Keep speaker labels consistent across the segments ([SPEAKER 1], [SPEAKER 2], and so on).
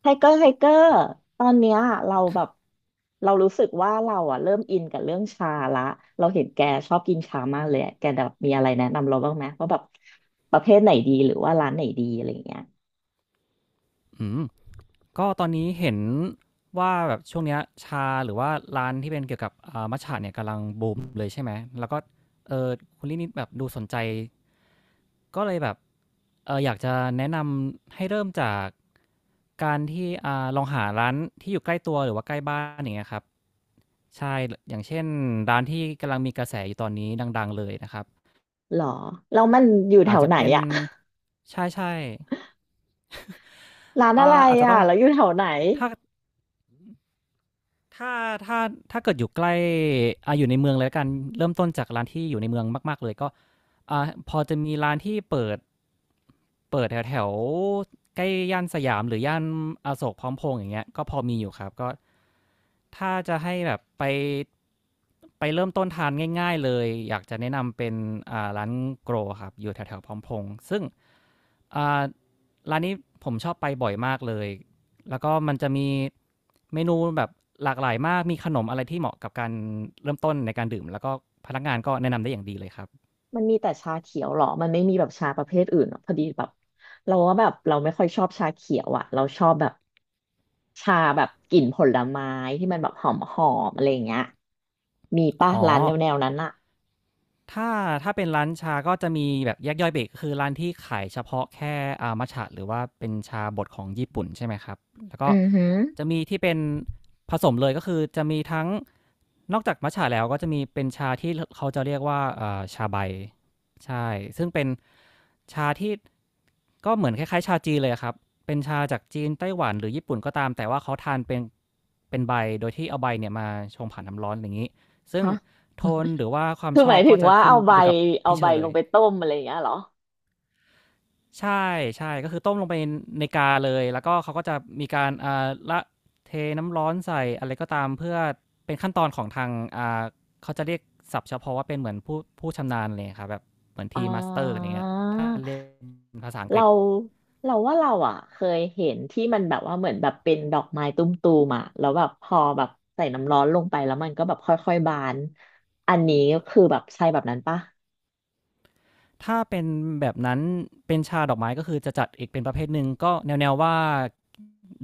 [SPEAKER 1] ไทเกอร์ไทเกอร์ตอนเนี้ยเราแบ
[SPEAKER 2] ค่ะ
[SPEAKER 1] บเรารู้สึกว่าเราอ่ะเริ่มอินกับเรื่องชาละเราเห็นแกชอบกินชามากเลยอะแกแบบมีอะไรแนะนำเราบ้างไหมว่าแบบประเภทไหนดีหรือว่าร้านไหนดีอะไรอย่างเงี้ย
[SPEAKER 2] อืมก็ตอนนี้เห็นว่าแบบช่วงเนี้ยชาหรือว่าร้านที่เป็นเกี่ยวกับอ่ามัตจะเนี่ยกำลังบูมเลยใช่ไหมแล้วก็เอ่อคุณลินิ่แบบดูสนใจก็เลยแบบอยากจะแนะนำให้เริ่มจากการที่ลองหาร้านที่อยู่ใกล้ตัวหรือว่าใกล้บ้านอย่างเงี้ยครับใช่ลอย่างเช่นร้านที่กำลังมีกระแสอยู่ตอนนี้ดังๆเลยนะครับ
[SPEAKER 1] หรอแล้วมันอยู่แถ
[SPEAKER 2] อาจ
[SPEAKER 1] ว
[SPEAKER 2] จะ
[SPEAKER 1] ไหน
[SPEAKER 2] เป็น
[SPEAKER 1] อ่ะ
[SPEAKER 2] ใช่
[SPEAKER 1] ร้าน
[SPEAKER 2] ๆ
[SPEAKER 1] อะไร
[SPEAKER 2] อาจจะ
[SPEAKER 1] อ่ะ
[SPEAKER 2] ต้อง
[SPEAKER 1] แล้วอยู่แถวไหน
[SPEAKER 2] ถ้า ถ้าถ้าถ้าเกิดอยู่ใกล้อยู่ในเมืองเลยละกันเริ่มต้นจากร้านที่อยู่ในเมืองมากๆเลยก็พอจะมีร้านที่เปิดแถวแถวใกล้ย่านสยามหรือย่านอโศกพร้อมพงษ์อย่างเงี้ยก็พอมีอยู่ครับก็ถ้าจะให้แบบไปเริ่มต้นทานง่ายๆเลยอยากจะแนะนำเป็นร้านโกรครับอยู่แถวๆพร้อมพงษ์ซึ่งอ่าร้านนี้ผมชอบไปบ่อยมากเลย แล้วก็มันจะมีเมนูแบบหลากหลายมากมีขนมอะไรที่เหมาะกับการเริ่มต้นในการดื่มแล้วก็พนักงานก็แนะนำได้อย่างดีเลยครับ
[SPEAKER 1] มันมีแต่ชาเขียวหรอมันไม่มีแบบชาประเภทอื่นหรอพอดีแบบเราว่าแบบเราไม่ค่อยชอบชาเขียวอ่ะเราชอบแบบ ชาแบบกลิ่นผลไม้ที่มันแบบหอมหอมอะไรอย่างเงี้ยมีป่ะ
[SPEAKER 2] อ๋อ
[SPEAKER 1] ร้านแนวแนวนั้นอะ
[SPEAKER 2] ถ้าถ้าเป็นร้านชาก็จะมีแบบแยกย่อยเบรกคือร้านที่ขายเฉพาะแค่อามัชฉะหรือว่าเป็นชาบดของญี่ปุ่นใช่ไหมครับแล้วก็
[SPEAKER 1] อือหือ
[SPEAKER 2] จะมีที่เป็นผสมเลยก็คือจะมีทั้ง นอกจากมัตจะแล้วก็จะมีเป็นชาที่เขาจะเรียกว่าชาใบใช่ซึ่งเป็นชาที่ก็เหมือนคล้ายๆชาจีนเลยครับเป็นชาจากจีนไต้หวันหรือญี่ปุ่นก็ตามแต่ว่าเขาทานเป็นใบโดยที่เอาใบเนี่ยมาชงผ่านน้ำร้อนอย่างนี้ซึ่ง
[SPEAKER 1] ฮะ
[SPEAKER 2] โทนหรือว่าความ
[SPEAKER 1] คือ
[SPEAKER 2] ช
[SPEAKER 1] ห
[SPEAKER 2] อ
[SPEAKER 1] มา
[SPEAKER 2] บ
[SPEAKER 1] ยถึ
[SPEAKER 2] ก็
[SPEAKER 1] ง
[SPEAKER 2] จะ
[SPEAKER 1] ว่า
[SPEAKER 2] ขึ้น
[SPEAKER 1] เอาใบ
[SPEAKER 2] อยู่กับ
[SPEAKER 1] เอา
[SPEAKER 2] พี่เช
[SPEAKER 1] ใบ
[SPEAKER 2] อเล
[SPEAKER 1] ล
[SPEAKER 2] ย
[SPEAKER 1] งไปต้มอะไรอย่างเงี้ยเหรอ
[SPEAKER 2] ใช่ ใช่ ก็คือต้มลงไปในกาเลย แล้วก็เขาก็จะมีการอ่าละเทน้ำร้อนใส่อะไรก็ตามเพื่อเป็นขั้นตอนของทางอ่าเขาจะเรียกศัพท์เฉพาะว่าเป็นเหมือนผู้ชำนาญเลยครับแบบเหมือน
[SPEAKER 1] อ่
[SPEAKER 2] ทีมาสเตอร์อย่างเงี้ยถ้า
[SPEAKER 1] า
[SPEAKER 2] เรียกเป็นภาษาอังกฤ
[SPEAKER 1] เรา
[SPEAKER 2] ษ
[SPEAKER 1] เราว่าเราอะเคยเห็นที่มันแบบว่าเหมือนแบบเป็นดอกไม้ตุ้มตูมอะแล้วแบบพอแบบใส่น้ำร้อนลงไปแล้วมันก็แบบค่อยๆบานอันนี้คือแบบใช่แบบนั้นป่ะ
[SPEAKER 2] ถ้าเป็นแบบนั้นเป็นชาดอกไม้ก็คือจะจัดอีกเป็นประเภทหนึ่งก็แนวๆว่า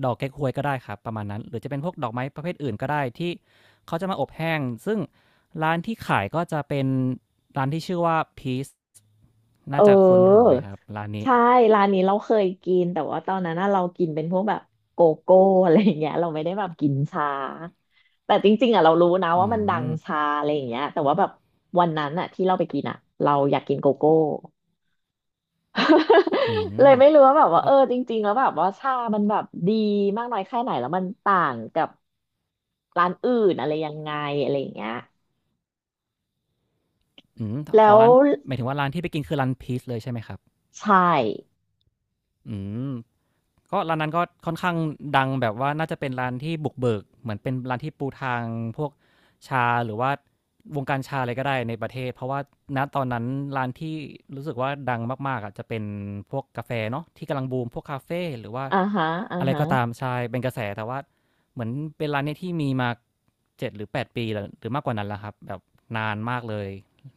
[SPEAKER 2] ดอกเก๊กฮวยก็ได้ครับประมาณนั้นหรือจะเป็นพวกดอกไม้ประเภทอื่นก็ได้ที่เขาจะมาอบแห้งซึ่งร้านที่ขายก็จะเป็นร้านที่ชื่อว่า Peace
[SPEAKER 1] เอ
[SPEAKER 2] น่าจะคุ้นหู
[SPEAKER 1] อ
[SPEAKER 2] ไหมครับร้านนี้
[SPEAKER 1] ใช่ร้านนี้เราเคยกินแต่ว่าตอนนั้นน่ะเรากินเป็นพวกแบบโกโก้อะไรอย่างเงี้ยเราไม่ได้แบบกินชาแต่จริงๆอ่ะเรารู้นะ
[SPEAKER 2] อื
[SPEAKER 1] ว่ามันดัง
[SPEAKER 2] ม
[SPEAKER 1] ชาอะไรอย่างเงี้ยแต่ว่าแบบวันนั้นอ่ะที่เราไปกินอ่ะเราอยากกินโกโก้
[SPEAKER 2] อื
[SPEAKER 1] เลย
[SPEAKER 2] ม
[SPEAKER 1] ไม่รู้ว่าแบบว่า
[SPEAKER 2] แล้
[SPEAKER 1] เออ
[SPEAKER 2] ว
[SPEAKER 1] จริงๆแล้วแบบว่าชามันแบบดีมากน้อยแค่ไหนแล้วมันต่างกับร้านอื่นอะไรยังไงอะไรอย่างเงี้ย
[SPEAKER 2] อืม
[SPEAKER 1] แล้
[SPEAKER 2] อ๋อ
[SPEAKER 1] ว
[SPEAKER 2] ร้านหมายถึงว่าร้านที่ไปกินคือร้าน Peace เลยใช่ไหมครับ
[SPEAKER 1] ใช่
[SPEAKER 2] อืม ก็ร้านนั้นก็ค่อนข้างดังแบบว่าน่าจะเป็นร้านที่บุกเบิกเหมือนเป็นร้านที่ปูทางพวกชาหรือว่าวงการชาอะไรก็ได้ในประเทศเพราะว่าณตอนนั้นร้านที่รู้สึกว่าดังมากๆอ่ะจะเป็นพวกกาแฟเนาะที่กำลังบูมพวกคาเฟ่หรือว่า
[SPEAKER 1] อ่าฮะอ่า
[SPEAKER 2] อะไร
[SPEAKER 1] ฮะ
[SPEAKER 2] ก็ตามใช่เป็นกระแสแต่ว่าเหมือนเป็นร้านเนี้ยที่มีมา7 หรือ 8 ปีหรือมากกว่านั้นแล้วครับแบบนานมากเลย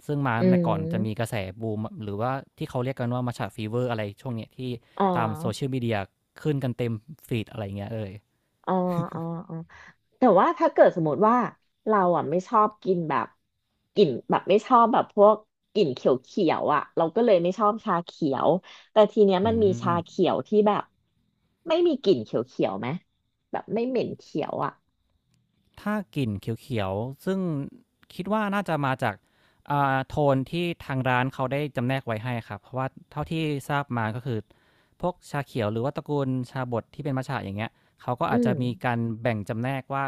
[SPEAKER 2] ซึ่งมา
[SPEAKER 1] อื
[SPEAKER 2] ในก่อนจะมี
[SPEAKER 1] ม
[SPEAKER 2] กระแสบูมหรือว่าที่เขาเรียกกันว่า Matcha Fever อร์อะไรช่วงเนี้ยที่
[SPEAKER 1] อ่
[SPEAKER 2] ตามโซเชียล
[SPEAKER 1] า
[SPEAKER 2] มีเดียขึ้นกันเต็มฟีดอะไรเงี้ยเลย
[SPEAKER 1] อ๋ออ๋ออ๋อแต่ว่าถ้าเกิดสมมติว่าเราอ่ะไม่ชอบกินแบบกลิ่นแบบไม่ชอบแบบพวกกลิ่นเขียวเขียวอ่ะเราก็เลยไม่ชอบชาเขียวแต่ทีเนี้ย
[SPEAKER 2] อื
[SPEAKER 1] มันมีชาเขี
[SPEAKER 2] ม
[SPEAKER 1] ยวที่แบบไม่มีกลิ่นเขียวเขียวไหมแบบไม่เหม็นเขียวอ่ะ
[SPEAKER 2] ถ้ากลิ่นเขียวๆ ซึ่งคิดว่าน่าจะมาจากโทนที่ทางร้านเขาได้จำแนกไว้ให้ครับ เพราะว่าเท่าที่ทราบมาก็คือพวกชาเขียวหรือว่าตระกูลชาบดที่เป็นมัชฉะอย่างเงี้ยเขาก็
[SPEAKER 1] อื
[SPEAKER 2] อาจจะ
[SPEAKER 1] ม
[SPEAKER 2] มีการแบ่งจำแนกว่า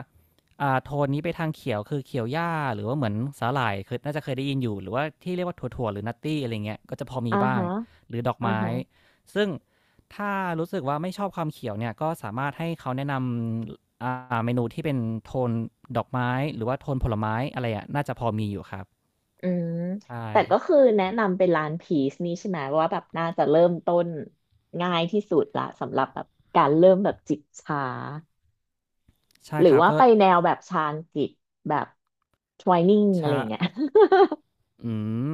[SPEAKER 2] โทนนี้ไปทางเขียวคือเขียวหญ้าหรือว่าเหมือนสาหร่ายคือน่าจะเคยได้ยินอยู่หรือว่าที่เรียกว่าถั่วๆหรือนัตตี้อะไรเงี้ยก็จะพอมี
[SPEAKER 1] อ่า
[SPEAKER 2] บ้าง
[SPEAKER 1] ฮะ
[SPEAKER 2] หรือดอก
[SPEAKER 1] อ่า
[SPEAKER 2] ไม้
[SPEAKER 1] ฮะ
[SPEAKER 2] ซึ่ง ถ้ารู้สึกว่าไม่ชอบความเขียวเนี่ยก็สามารถให้เขาแนะนำเมนูที่เป็นโทนดอกไม้หรือว่าโทนผลไม้อะไรอะน่าจะพอมีอยู่ครับ
[SPEAKER 1] อืม
[SPEAKER 2] ใช่
[SPEAKER 1] แต่ก็คือแนะนำเป็นร้านพีซนี่ใช่ไหมว่าแบบน่าจะเริ่มต้นง่ายที่สุดละสำหรับแบบการเริ่มแบบจิบชา
[SPEAKER 2] ใช่
[SPEAKER 1] หรื
[SPEAKER 2] ค
[SPEAKER 1] อ
[SPEAKER 2] รับ
[SPEAKER 1] ว่า
[SPEAKER 2] ก็
[SPEAKER 1] ไปแนวแบบชาญกิจแบบทไวายนิ่งอะไร
[SPEAKER 2] ชา
[SPEAKER 1] อย่างเงี้ย
[SPEAKER 2] อืม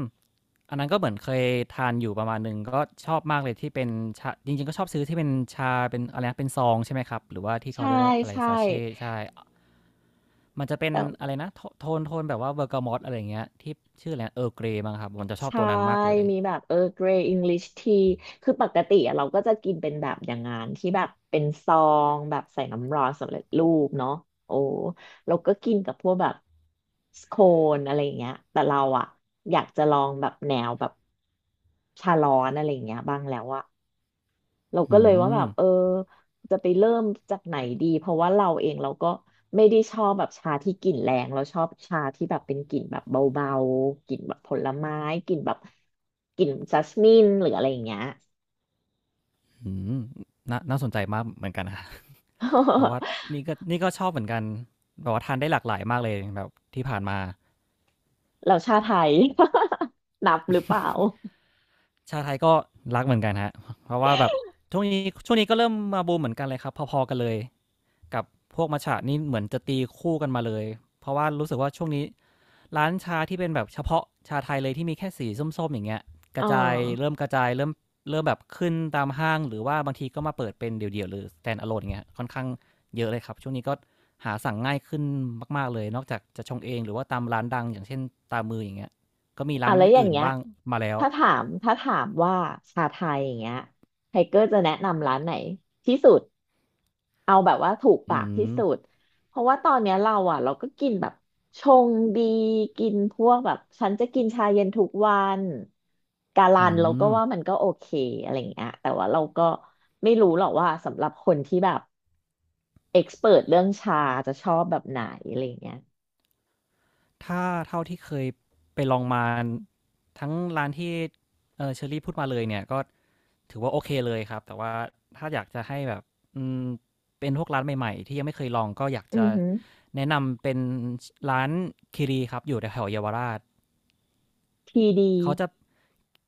[SPEAKER 2] อันนั้นก็เหมือนเคยทานอยู่ประมาณหนึ่งก็ชอบมากเลยที่เป็นชาจริงๆก็ชอบซื้อที่เป็นชาเป็นอะไรนะเป็นซองใช่ไหมครับหรือว่าที่ เขา
[SPEAKER 1] ใช่
[SPEAKER 2] เรียกว่าอะไร
[SPEAKER 1] ใช่
[SPEAKER 2] ซาเชตใช่มันจะเป็น
[SPEAKER 1] แต่
[SPEAKER 2] อะไรนะโทนแบบว่าเบอร์กามออะไรอย่างเงี้ยที่ชื่ออะไรเออเกรมั้งครับผมจะชอบ
[SPEAKER 1] ใช่
[SPEAKER 2] ตัวนั้นมากเลย
[SPEAKER 1] มีแบบเออเกรย์อังกฤษทีคือปกติอะเราก็จะกินเป็นแบบอย่างงานที่แบบเป็นซองแบบใส่น้ำร้อนสำเร็จรูปเนาะโอ้เราก็กินกับพวกแบบสโคนอะไรอย่างเงี้ยแต่เราอะอยากจะลองแบบแนวแบบชาร้อนอะไรอย่างเงี้ยบ้างแล้วอะ เราก็
[SPEAKER 2] อื
[SPEAKER 1] เลยว่าแบ
[SPEAKER 2] ม
[SPEAKER 1] บเออจะไปเริ่มจากไหนดีเพราะว่าเราเองเราก็ไม่ได้ชอบแบบชาที่กลิ่นแรงเราชอบชาที่แบบเป็นกลิ่นแบบเบาๆกลิ่นแบบผลไม้กลิ่นแบบกลิ่นจัสมินหรืออะไรอย่างเงี้ย
[SPEAKER 2] อืมน่าน่าสนใจมากเหมือนกันคะ เพราะว่า นี่ก็ชอบเหมือนกันแบบว่าทานได้หลากหลายมากเลยแบบที่ผ่านมา
[SPEAKER 1] เราชาไทย นับหรือเปล่า
[SPEAKER 2] ชาไทยก็รักเหมือนกันฮะเพราะว่าแบบช่วงนี้ช่วงนี้ก็เริ่มมาบูมเหมือนกันเลยครับพอๆกันเลยกับพวกมัตาะนี่เหมือนจะตีคู่กันมาเลยเพราะว่ารู้สึกว่าช่วงนี้ ร้านชาที่เป็นแบบเฉพาะชาไทยเลยที่มีแค่สีส้มๆอย่างเงี้ยก
[SPEAKER 1] อ๋อ
[SPEAKER 2] ระจายเริ่มกระจายเริ่มเริ่มแบบขึ้นตามห้างหรือว่าบางทีก็มาเปิดเป็นเดี่ยวๆหรือ stand alone อย่างเงี้ยค่อนข้างเยอะเลยครับช่วงนี้ก็หาสั่งง่ายขึ้นมากๆเลยนอกจากจะชงเองหรือว่าตามร้านดังอย่างเช่นตามมืออย่างเงี้ยก็มีร้า
[SPEAKER 1] อ่ะ
[SPEAKER 2] น
[SPEAKER 1] แล้วอย่าง
[SPEAKER 2] อื่น
[SPEAKER 1] เงี้ย
[SPEAKER 2] บ้างมาแล้ว
[SPEAKER 1] ถ้าถามว่าชาไทยอย่างเงี้ยไทเกอร์จะแนะนำร้านไหนที่สุด เอาแบบว่าถูก
[SPEAKER 2] อื
[SPEAKER 1] ปากที่
[SPEAKER 2] ม
[SPEAKER 1] สุดเพราะว่าตอนเนี้ยเราอ่ะเราก็กินแบบชงดีกินพวกแบบฉันจะกินชาเย็นทุกวันกาลั
[SPEAKER 2] อื
[SPEAKER 1] นเราก็
[SPEAKER 2] ม
[SPEAKER 1] ว่ามันก็โอเคอะไรอย่างเงี้ยแต่ว่าเราก็ไม่รู้หรอกว่าสำหรับคนที่แบบเอ็กซ์เเรื่องชาจะชอบแบบไหนอะไรอย่างเงี้ย
[SPEAKER 2] ถ้าเท่าที่เคยไปลองมาทั้งร้านที่เออเชอรี่พูดมาเลยเนี่ยก็ ถือว่าโอเคเลยครับแต่ว่าถ้าอยากจะให้แบบอืมเป็นพวกร้านใหม่ๆที่ยังไม่เคยลองก็อยาก
[SPEAKER 1] อื
[SPEAKER 2] จะ
[SPEAKER 1] อหือ
[SPEAKER 2] แนะนำเป็นร้านคิรีครับอยู่แถวๆเยาวราช
[SPEAKER 1] ทีดี
[SPEAKER 2] เขาจะ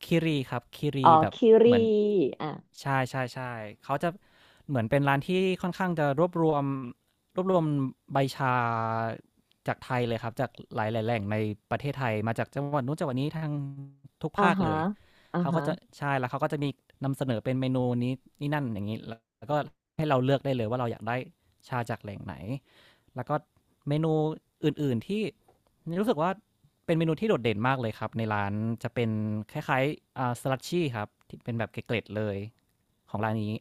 [SPEAKER 2] คิรีครับคิ
[SPEAKER 1] อ๋
[SPEAKER 2] รี
[SPEAKER 1] อ
[SPEAKER 2] แบบ
[SPEAKER 1] คิ
[SPEAKER 2] เห
[SPEAKER 1] รี
[SPEAKER 2] มือน
[SPEAKER 1] อ่ะ
[SPEAKER 2] ใช่ใช่ใช่เขาจะเหมือนเป็นร้านที่ค่อนข้างจะรวบรวมใบชาจากไทยเลยครับจากหลายๆแหล่งในประเทศไทยมาจากจังหวัดนู้นจังหวัดนี้ทางทุก
[SPEAKER 1] อ่า
[SPEAKER 2] ภาค
[SPEAKER 1] ฮะ
[SPEAKER 2] เลย
[SPEAKER 1] อ่า
[SPEAKER 2] เขาก็
[SPEAKER 1] ฮะ
[SPEAKER 2] จะใช่แล้วเขาก็จะมีนำเสนอเป็นเมนูนี้นี่นั่นอย่างนี้แล้วก็ให้เราเลือกได้เลยว่าเราอยากได้ชาจากแหล่งไหนแล้วก็เมนูอื่นๆที่ รู้สึกว่าเป็นเมนูที่โดดเด่นมากเลยครับในร้านจะเป็นคล้ายๆสลัดชี่ครับที่เป็นแบบเกล็ดๆเลยของร้านนี้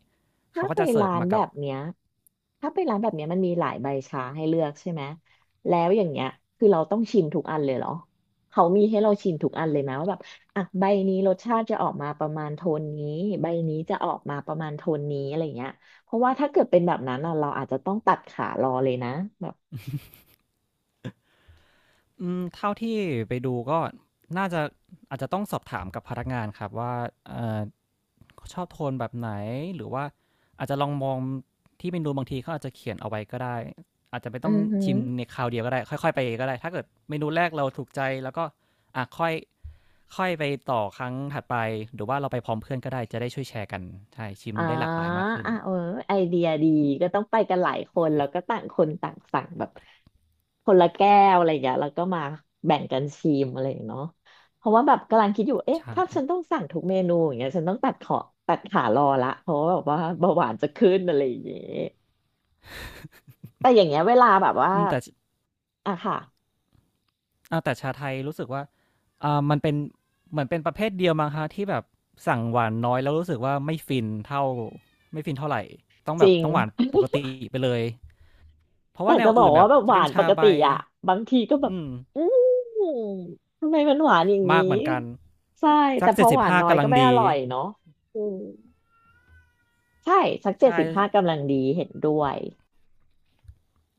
[SPEAKER 1] ถ้า
[SPEAKER 2] เขาก็
[SPEAKER 1] ไป
[SPEAKER 2] จะเสิร์ฟ
[SPEAKER 1] ร้าน
[SPEAKER 2] มา
[SPEAKER 1] แบ
[SPEAKER 2] กับ
[SPEAKER 1] บเนี้ยถ้าไปร้านแบบเนี้ยมันมีหลายใบชาให้เลือกใช่ไหมแล้วอย่างเงี้ยคือเราต้องชิมทุกอันเลยเหรอเขามีให้เราชิมทุกอันเลยไหมว่าแบบอ่ะใบนี้รสชาติจะออกมาประมาณโทนนี้ใบนี้จะออกมาประมาณโทนนี้อะไรเงี้ยเพราะว่าถ้าเกิดเป็นแบบนั้นอ่ะเราอาจจะต้องตัดขารอเลยนะแบบ
[SPEAKER 2] อืมเท่าที่ไปดูก็น่าจะอาจจะต้องสอบถามกับพนักงานครับว่าเอ่อชอบโทนแบบไหนหรือว่าอาจจะลองมองที่เมนูบางทีเขาอาจจะเขียนเอาไว้ก็ได้อาจจะไม่
[SPEAKER 1] อื
[SPEAKER 2] ต้อง
[SPEAKER 1] อหือ
[SPEAKER 2] ชิมในคราวเดียวก็ได้ค่อยๆไปก็ได้ถ้าเกิดเมนูแรกเราถูกใจแล้วก็อะค่อยค่อยไปต่อครั้งถัดไปหรือว่าเราไปพร้อมเพื่อนก็ได้จะได้ช่วยแชร์กันใช่ชิม
[SPEAKER 1] อ๋อ
[SPEAKER 2] ได้หลากหลายมากขึ้น
[SPEAKER 1] อ่ะเออไอเดียดีก็ต้องไปกันหลายคนแล้วก็ต่างคนต่างสั่งแบบคนละแก้วอะไรอย่างเงี้ยแล้วก็มาแบ่งกันชิมอะไรอย่างเงี้ยเนาะเพราะว่าแบบกำลังคิดอยู่เอ๊ะ
[SPEAKER 2] ใช่
[SPEAKER 1] ถ้าฉันต้องสั่งทุกเมนูอย่างเงี้ยฉันต้องตัดขารอละเพราะว่าแบบว่าเบาหวานจะขึ้นอะไรอย่างเงี้ยแต่อย่างเงี้ยเวลาแบบว่า
[SPEAKER 2] อืมแต่ช
[SPEAKER 1] อ่ะค่ะ
[SPEAKER 2] แต่ชาไทยรู้สึกว่ามันเป็นเหมือนเป็นประเภทเดียวมั้งคะที่แบบสั่งหวานน้อยแล้วรู้สึกว่าไม่ฟินเท่าไม่ฟินเท่าไหรต้อง
[SPEAKER 1] จ
[SPEAKER 2] แบบ
[SPEAKER 1] ริง
[SPEAKER 2] ต้องหวานปกติไปเลยเพราะ
[SPEAKER 1] แต่
[SPEAKER 2] ว่าแนว
[SPEAKER 1] จะบอ
[SPEAKER 2] อื่
[SPEAKER 1] ก
[SPEAKER 2] นแบ
[SPEAKER 1] ว่า
[SPEAKER 2] บ
[SPEAKER 1] แบบห
[SPEAKER 2] จะ
[SPEAKER 1] วา
[SPEAKER 2] เป็น
[SPEAKER 1] นป
[SPEAKER 2] ชา
[SPEAKER 1] ก
[SPEAKER 2] ใบ
[SPEAKER 1] ติอะบางทีก็แบบ
[SPEAKER 2] อืม
[SPEAKER 1] อืมทำไมมันหวานอย่าง
[SPEAKER 2] มา
[SPEAKER 1] นี้
[SPEAKER 2] กเหมือนกัน
[SPEAKER 1] ใช่
[SPEAKER 2] สั
[SPEAKER 1] แต่
[SPEAKER 2] ก
[SPEAKER 1] พอหวาน
[SPEAKER 2] 75
[SPEAKER 1] น้อย
[SPEAKER 2] กำลั
[SPEAKER 1] ก็
[SPEAKER 2] ง
[SPEAKER 1] ไม่อ
[SPEAKER 2] ดี
[SPEAKER 1] ร่อยเนาะอืมใช่สักเจ็
[SPEAKER 2] ใช่
[SPEAKER 1] ดสิบห้ากำลังดีเห็นด้วย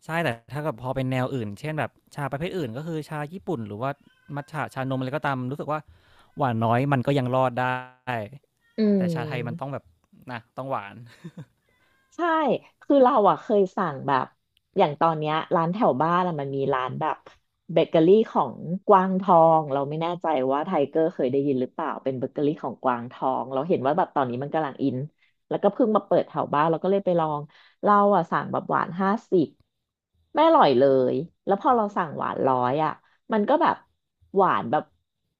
[SPEAKER 2] ใช่แต่ถ้ากับพอเป็นแนวอื่นเช่นแบบชาประเภทอื่นก็คือชาญี่ปุ่นหรือว่ามัทฉะชานมอะไรก็ตามรู้สึกว่าหวานน้อยมันก็ยังรอดได้
[SPEAKER 1] อื
[SPEAKER 2] แต่ชาไทยมันต้องแบ
[SPEAKER 1] ม
[SPEAKER 2] บนะต้องหวาน
[SPEAKER 1] ใช่ คือเราอ่ะเคยสั่งแบบอย่างตอนเนี้ยร้านแถวบ้านอะมันมีร้านแบบเบเกอรี่ของกวางทองเราไม่แน่ใจว่าไทเกอร์เคยได้ยินหรือเปล่าเป็นเบเกอรี่ของกวางทองเราเห็นว่าแบบตอนนี้มันกำลังอินแล้วก็เพิ่งมาเปิดแถวบ้านเราก็เลยไปลอง เราอ่ะสั่งแบบหวาน50ไม่อร่อยเลย แล้วพอเราสั่งหวาน100อ่ะมันก็แบบหวานแบบ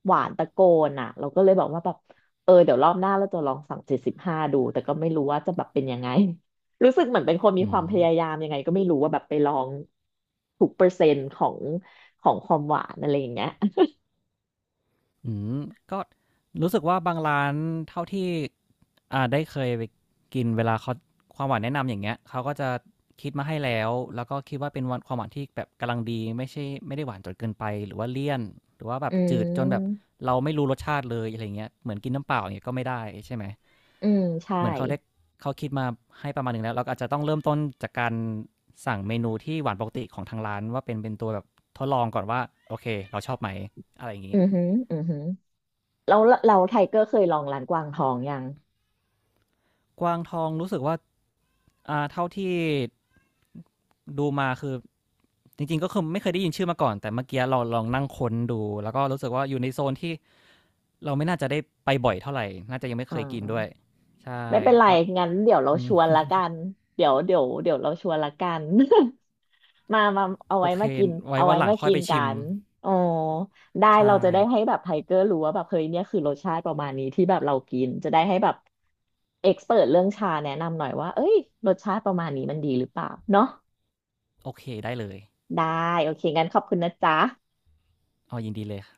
[SPEAKER 1] หวานตะโกนอ่ะเราก็เลยบอกว่าแบบเออเดี๋ยวรอบหน้าเราจะลองสั่งเจ็ดสิบห้าดูแต่ก็ไม่รู้ว่าจะแบบเป็นยังไง รู้สึกเหมือนเป็นคนมีความพยายามยังไงก็ไม่รู้ว่าแบบไปลองทุกเปอร์เซ็นต์ของความหวานอะไรอย่างเงี้ย
[SPEAKER 2] อืมก็รู้สึกว่าบางร้านเท่าที่ได้เคยไปกินเวลาเขาความหวานแนะนำอย่างเงี้ยเขาก็จะคิดมาให้แล้วแล้วก็คิดว่าเป็นวันความหวานที่แบบกำลังดีไม่ได้หวานจนเกินไปหรือว่าเลี่ยนหรือว่าแบ
[SPEAKER 1] อื
[SPEAKER 2] บจืดจนแบบ
[SPEAKER 1] ม
[SPEAKER 2] เราไม่รู้รสชาติเลยอะไรเงี้ยเหมือนกินน้ำเปล่าอย่างเงี้ยก็ไม่ได้ใช่ไหม
[SPEAKER 1] อืมใช่
[SPEAKER 2] เหมือนเขาได้เขาคิดมาให้ประมาณหนึ่งแล้วเราก็อาจจะต้องเริ่มต้นจากการสั่งเมนูที่หวานปกติของทางร้านว่าเป็นตัวแบบทดลองก่อนว่าโอเคเราชอบไหมอะไรอย่างงี้
[SPEAKER 1] อือหืออือหือแล้วเราไทเกอร์เคยลองร้านกวางทองยัง
[SPEAKER 2] กวางทองรู้สึกว่าอ่า เท่าที่ดูมาคือจริงๆก็คือไม่เคยได้ยินชื่อมาก่อนแต่เมื่อกี้เราลองนั่งค้นดูแล้วก็รู้สึกว่าอยู่ในโซนที่เราไม่น่าจะได้ไปบ่อยเท่าไหร่น่าจะยังไม่เค
[SPEAKER 1] อ่า
[SPEAKER 2] ยกินด้วยใช่
[SPEAKER 1] ไม่เป็นไร
[SPEAKER 2] เพราะ
[SPEAKER 1] งั้นเดี๋ยวเรา
[SPEAKER 2] อื
[SPEAKER 1] ช
[SPEAKER 2] ม
[SPEAKER 1] วนละกันเดี๋ยวเราชวนละกัน มามาเอา
[SPEAKER 2] โอ
[SPEAKER 1] ไว้
[SPEAKER 2] เค
[SPEAKER 1] มากิน
[SPEAKER 2] ไว้
[SPEAKER 1] เอา
[SPEAKER 2] วั
[SPEAKER 1] ไว้
[SPEAKER 2] นหลัง
[SPEAKER 1] มา
[SPEAKER 2] ค่อย
[SPEAKER 1] กิน
[SPEAKER 2] ไป
[SPEAKER 1] กั
[SPEAKER 2] ชิม
[SPEAKER 1] นอ๋อได้
[SPEAKER 2] ใช่
[SPEAKER 1] เราจะได้ให้แบบไทเกอร์รู้ว่าแบบเฮ้ยเนี่ยคือรสชาติประมาณนี้ที่แบบเรากินจะได้ให้แบบเอ็กซ์เเรื่องชาแนะนำหน่อยว่าเอ้ยรสชาติประมาณนี้มันดีหรือเปล่าเนาะ
[SPEAKER 2] โอเคได้เลย
[SPEAKER 1] ได้โอเคงั้นขอบคุณนะจ๊ะ
[SPEAKER 2] เอายินดีเลยค่ะ